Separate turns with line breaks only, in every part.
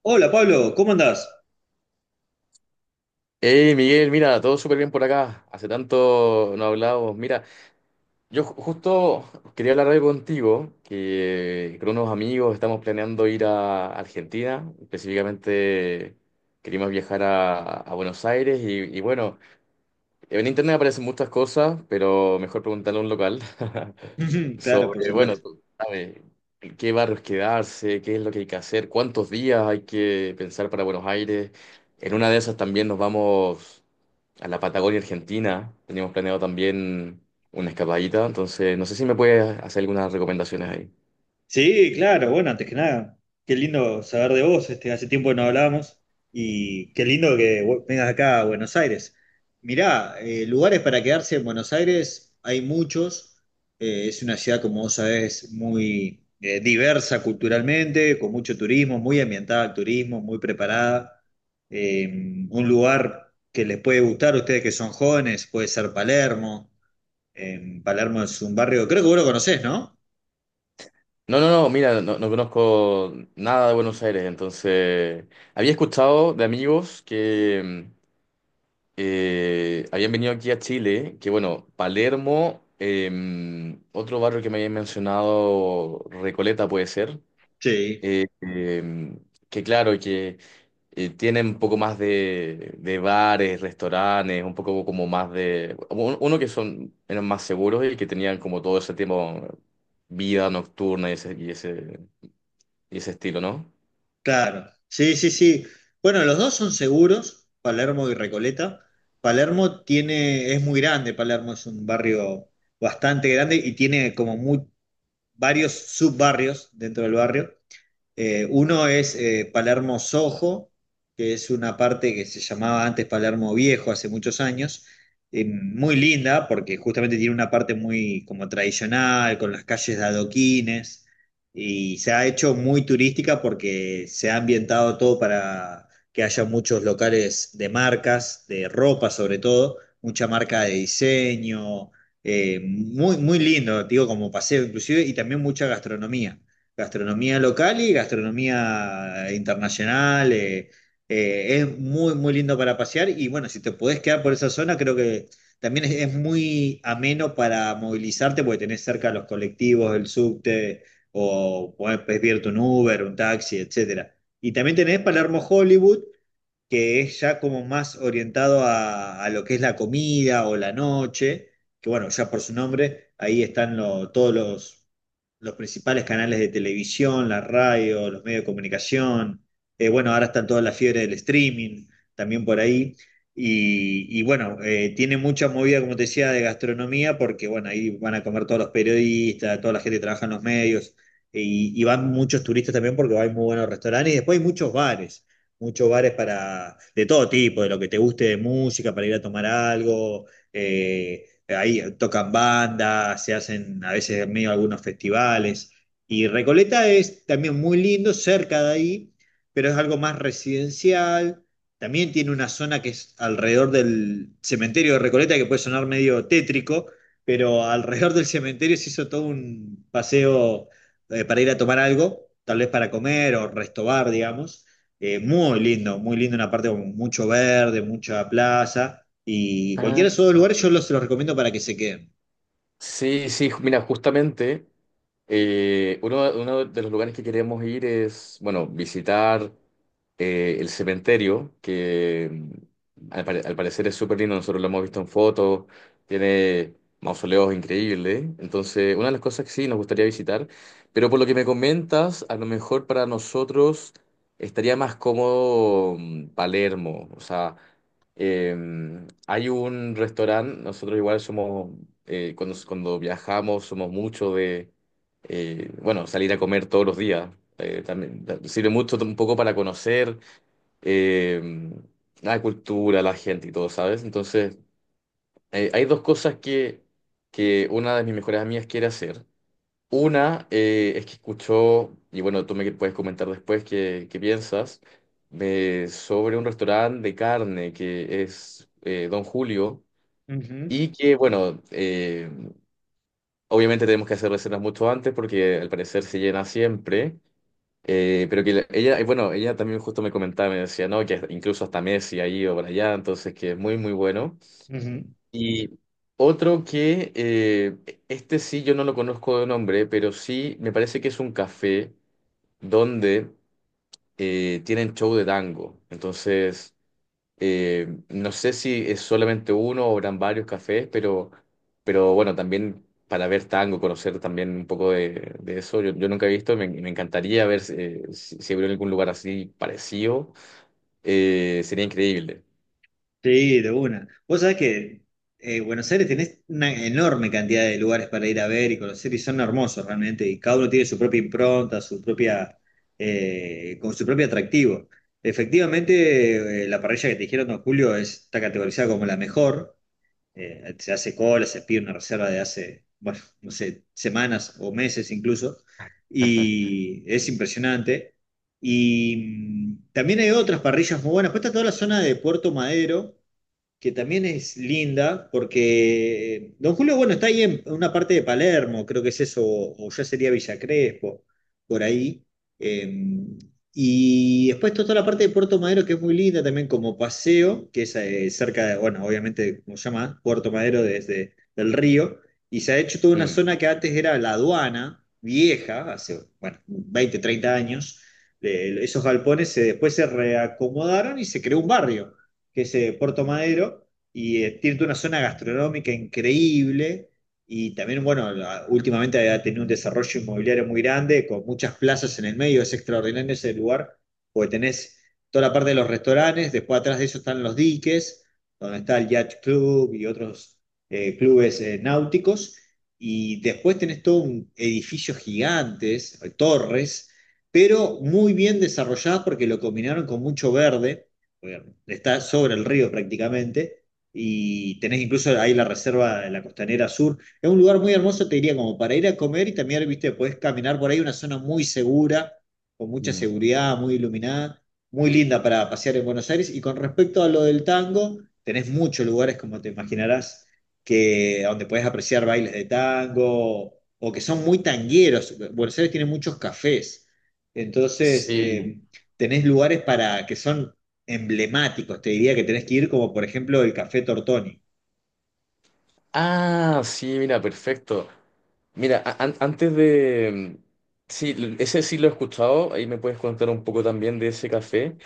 Hola Pablo, ¿cómo andás?
Hey Miguel, mira, todo súper bien por acá. Hace tanto no hablábamos. Mira, justo quería hablar algo contigo, que con unos amigos estamos planeando ir a Argentina. Específicamente queríamos viajar a Buenos Aires y bueno, en internet aparecen muchas cosas, pero mejor preguntarle a un local
Claro, por
sobre, bueno,
supuesto.
tú sabes, en qué barrios quedarse, qué es lo que hay que hacer, cuántos días hay que pensar para Buenos Aires. En una de esas también nos vamos a la Patagonia Argentina. Teníamos planeado también una escapadita, entonces no sé si me puedes hacer algunas recomendaciones ahí.
Sí, claro, bueno, antes que nada, qué lindo saber de vos, este, hace tiempo que no hablábamos y qué lindo que vengas acá a Buenos Aires. Mirá, lugares para quedarse en Buenos Aires hay muchos. Es una ciudad, como vos sabés, muy diversa culturalmente, con mucho turismo, muy ambientada al turismo, muy preparada. Un lugar que les puede gustar a ustedes que son jóvenes, puede ser Palermo. En Palermo es un barrio, creo que vos lo conocés, ¿no?
No, no, no, mira, no, no conozco nada de Buenos Aires, entonces había escuchado de amigos que mm, habían venido aquí a Chile, que bueno, Palermo, otro barrio que me habían mencionado, Recoleta puede ser.
Sí,
eh, eh, que claro, que tienen un poco más de bares, restaurantes, un poco como más de... Uno que son, eran más seguros y que tenían como todo ese tipo vida nocturna y ese estilo, ¿no?
claro, sí, sí, sí. Bueno, los dos son seguros, Palermo y Recoleta. Palermo tiene, es muy grande, Palermo es un barrio bastante grande y tiene como muy, varios subbarrios dentro del barrio. Uno es Palermo Sojo, que es una parte que se llamaba antes Palermo Viejo hace muchos años, muy linda porque justamente tiene una parte muy como tradicional, con las calles de adoquines, y se ha hecho muy turística porque se ha ambientado todo para que haya muchos locales de marcas, de ropa sobre todo, mucha marca de diseño, muy, muy lindo, digo, como paseo inclusive, y también mucha gastronomía local y gastronomía internacional. Es muy, muy lindo para pasear y bueno, si te podés quedar por esa zona, creo que también es muy ameno para movilizarte porque tenés cerca los colectivos, el subte o podés pedirte un Uber, un taxi, etcétera. Y también tenés Palermo Hollywood, que es ya como más orientado a lo que es la comida o la noche, que bueno, ya por su nombre, ahí están todos los principales canales de televisión, la radio, los medios de comunicación. Bueno, ahora están toda la fiebre del streaming, también por ahí, y bueno, tiene mucha movida, como te decía, de gastronomía, porque bueno, ahí van a comer todos los periodistas, toda la gente que trabaja en los medios, y van muchos turistas también porque hay muy buenos restaurantes, y después hay muchos bares para, de todo tipo, de lo que te guste de música, para ir a tomar algo. Ahí tocan bandas, se hacen a veces medio algunos festivales. Y Recoleta es también muy lindo, cerca de ahí, pero es algo más residencial. También tiene una zona que es alrededor del cementerio de Recoleta, que puede sonar medio tétrico, pero alrededor del cementerio se hizo todo un paseo para ir a tomar algo, tal vez para comer o restobar, digamos. Muy lindo, una parte con mucho verde, mucha plaza. Y
Ah.
cualquiera de esos dos lugares yo los recomiendo para que se queden.
Sí, sí, mira, justamente uno de los lugares que queremos ir es, bueno, visitar el cementerio, que al parecer es súper lindo, nosotros lo hemos visto en fotos, tiene mausoleos increíbles, entonces una de las cosas que sí nos gustaría visitar, pero por lo que me comentas, a lo mejor para nosotros estaría más cómodo, Palermo, o sea... Eh, hay un restaurante. Nosotros igual somos, cuando, cuando viajamos somos mucho de, bueno, salir a comer todos los días. También sirve mucho un poco para conocer eh, la cultura, la gente y todo, ¿sabes? Entonces, hay dos cosas que una de mis mejores amigas quiere hacer. Una, es que escuchó, y bueno, tú me puedes comentar después qué piensas, sobre un restaurante de carne que es, Don Julio.
Ujú,
Y que, bueno, obviamente tenemos que hacer reservas mucho antes porque al parecer se llena siempre. Pero que ella, bueno, ella también justo me comentaba, me decía, no, que incluso hasta Messi ahí o para allá, entonces que es muy, muy bueno.
ujú.
Y otro que, este sí yo no lo conozco de nombre, pero sí me parece que es un café donde tienen show de tango. Entonces, no sé si es solamente uno o eran varios cafés, pero bueno, también para ver tango, conocer también un poco de eso. Yo nunca he visto. Me encantaría ver, si hubiera algún lugar así parecido. Sería increíble.
Sí, de una. Vos sabés que Buenos Aires tenés una enorme cantidad de lugares para ir a ver y conocer y son hermosos realmente. Y cada uno tiene su propia impronta, su propia, con su propio atractivo. Efectivamente, la parrilla que te dijeron, don Julio, está categorizada como la mejor. Se hace cola, se pide una reserva de hace, bueno, no sé, semanas o meses incluso, y es impresionante. Y también hay otras parrillas muy buenas. Pues está toda la zona de Puerto Madero, que también es linda, porque Don Julio, bueno, está ahí en una parte de Palermo, creo que es eso, o ya sería Villa Crespo, por ahí. Eh, y después está toda la parte de Puerto Madero, que es muy linda también como paseo, que es cerca de, bueno, obviamente, como se llama, Puerto Madero desde el río, y se ha hecho toda una
Mm,
zona que antes era la aduana, vieja, hace, bueno, 20, 30 años. Esos galpones después se reacomodaron y se creó un barrio que es Puerto Madero, y tiene toda una zona gastronómica increíble. Y también, bueno, últimamente ha tenido un desarrollo inmobiliario muy grande, con muchas plazas en el medio. Es extraordinario ese lugar, porque tenés toda la parte de los restaurantes, después atrás de eso están los diques, donde está el Yacht Club y otros clubes náuticos. Y después tenés todo un edificio gigantes, torres, pero muy bien desarrolladas porque lo combinaron con mucho verde, está sobre el río prácticamente, y tenés incluso ahí la reserva de la Costanera Sur. Es un lugar muy hermoso, te diría, como para ir a comer y también, viste, podés caminar por ahí, una zona muy segura, con mucha
mm.
seguridad, muy iluminada, muy linda para pasear en Buenos Aires. Y con respecto a lo del tango, tenés muchos lugares, como te imaginarás, que, donde podés apreciar bailes de tango o que son muy tangueros. Buenos Aires tiene muchos cafés, entonces
Sí.
tenés lugares para que son emblemáticos, te diría que tenés que ir, como por ejemplo el Café Tortoni.
Ah, sí, mira, perfecto. Mira, antes de... mm, sí, ese sí lo he escuchado, ahí me puedes contar un poco también de ese café,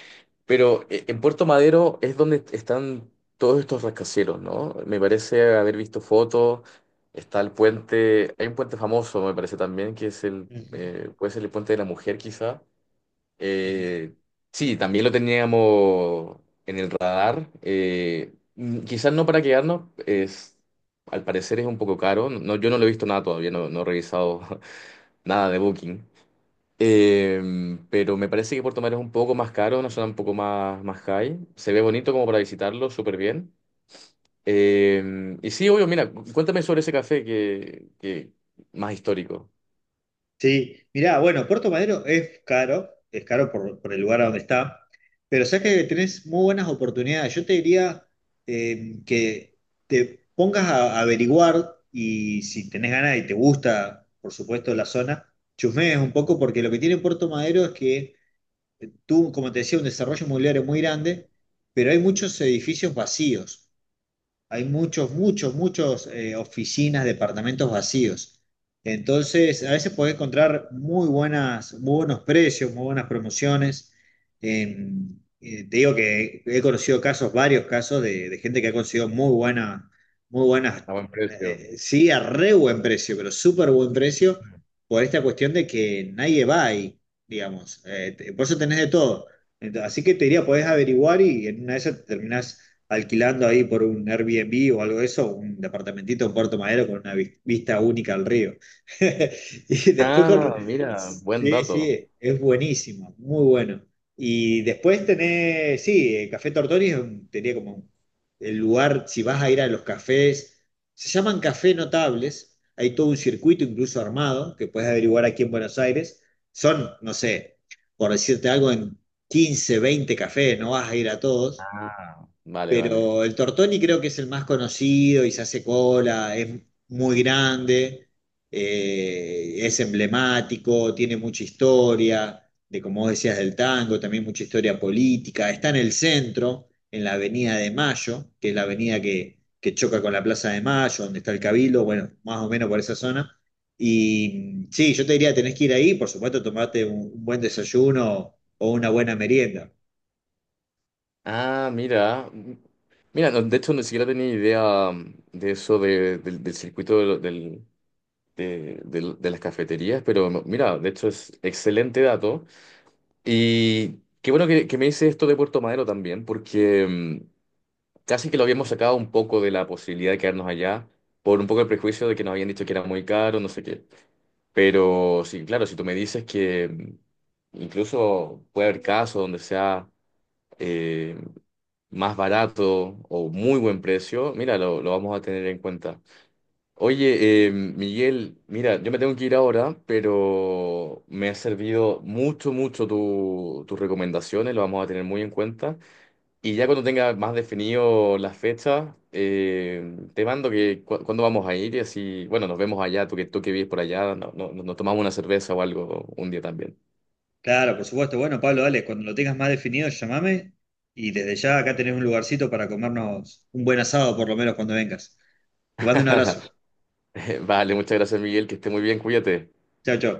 pero en Puerto Madero es donde están todos estos rascacielos, ¿no? Me parece haber visto fotos, está el puente, hay un puente famoso, me parece también, que es el,
Ujú,
puede ser el puente de la mujer quizá.
ujú.
Eh, sí, también lo teníamos en el radar. Quizás no para quedarnos, es, al parecer es un poco caro. No, no, yo no lo he visto nada todavía, no, no he revisado nada de Booking. Pero me parece que Puerto Madero es un poco más caro, una zona un poco más, más high. Se ve bonito como para visitarlo, súper bien. Y sí, obvio, mira, cuéntame sobre ese café que más histórico,
Sí, mirá, bueno, Puerto Madero es caro por el lugar a donde está, pero sabes que tenés muy buenas oportunidades. Yo te diría que te pongas a averiguar y si tenés ganas y te gusta, por supuesto, la zona, chusmees un poco porque lo que tiene Puerto Madero es que tuvo, como te decía, un desarrollo inmobiliario muy grande, pero hay muchos edificios vacíos. Hay muchos, muchos, muchos oficinas, departamentos vacíos. Entonces, a veces podés encontrar muy buenas, muy buenos precios, muy buenas promociones. Te digo que he conocido casos, varios casos de gente que ha conseguido muy buena, muy buenas,
a buen precio.
sí, a re buen precio, pero súper buen precio por esta cuestión de que nadie va ahí, digamos. Por eso tenés de todo. Así que te diría, podés averiguar y en una de esas te terminás alquilando ahí por un Airbnb o algo de eso, un departamentito en Puerto Madero con una vista única al río. Y después con...
Ah, mira, buen
Sí,
dato.
sí, es buenísimo, muy bueno. Y después tenés, sí, Café Tortoni es tenía como el lugar. Si vas a ir a los cafés, se llaman café notables, hay todo un circuito incluso armado que puedes averiguar aquí en Buenos Aires. Son, no sé, por decirte algo, en 15 20 cafés, no vas a ir a todos,
Vale, vale.
pero el Tortoni creo que es el más conocido y se hace cola, es muy grande, es emblemático, tiene mucha historia, de como vos decías del tango, también mucha historia política. Está en el centro, en la Avenida de Mayo, que es la avenida que choca con la Plaza de Mayo, donde está el Cabildo, bueno, más o menos por esa zona. Y sí, yo te diría, tenés que ir ahí, por supuesto, tomarte un buen desayuno o una buena merienda.
Ah, mira. Mira, no, de hecho, ni siquiera tenía idea, de eso del circuito de, de las cafeterías, pero no, mira, de hecho es excelente dato. Y qué bueno que me dice esto de Puerto Madero también, porque casi que lo habíamos sacado un poco de la posibilidad de quedarnos allá, por un poco el prejuicio de que nos habían dicho que era muy caro, no sé qué. Pero sí, claro, si tú me dices que incluso puede haber casos donde sea... eh, más barato o muy buen precio, mira, lo vamos a tener en cuenta. Oye, Miguel, mira, yo me tengo que ir ahora, pero me ha servido mucho, mucho tus recomendaciones, lo vamos a tener muy en cuenta. Y ya cuando tenga más definido las fechas, te mando que cuándo vamos a ir y así, bueno, nos vemos allá, tú que vives por allá, no- no- no, nos tomamos una cerveza o algo un día también.
Claro, por supuesto. Bueno, Pablo, dale, cuando lo tengas más definido, llamame y desde ya acá tenés un lugarcito para comernos un buen asado, por lo menos cuando vengas. Te mando un abrazo.
Vale, muchas gracias, Miguel, que esté muy bien, cuídate.
Chao, chao.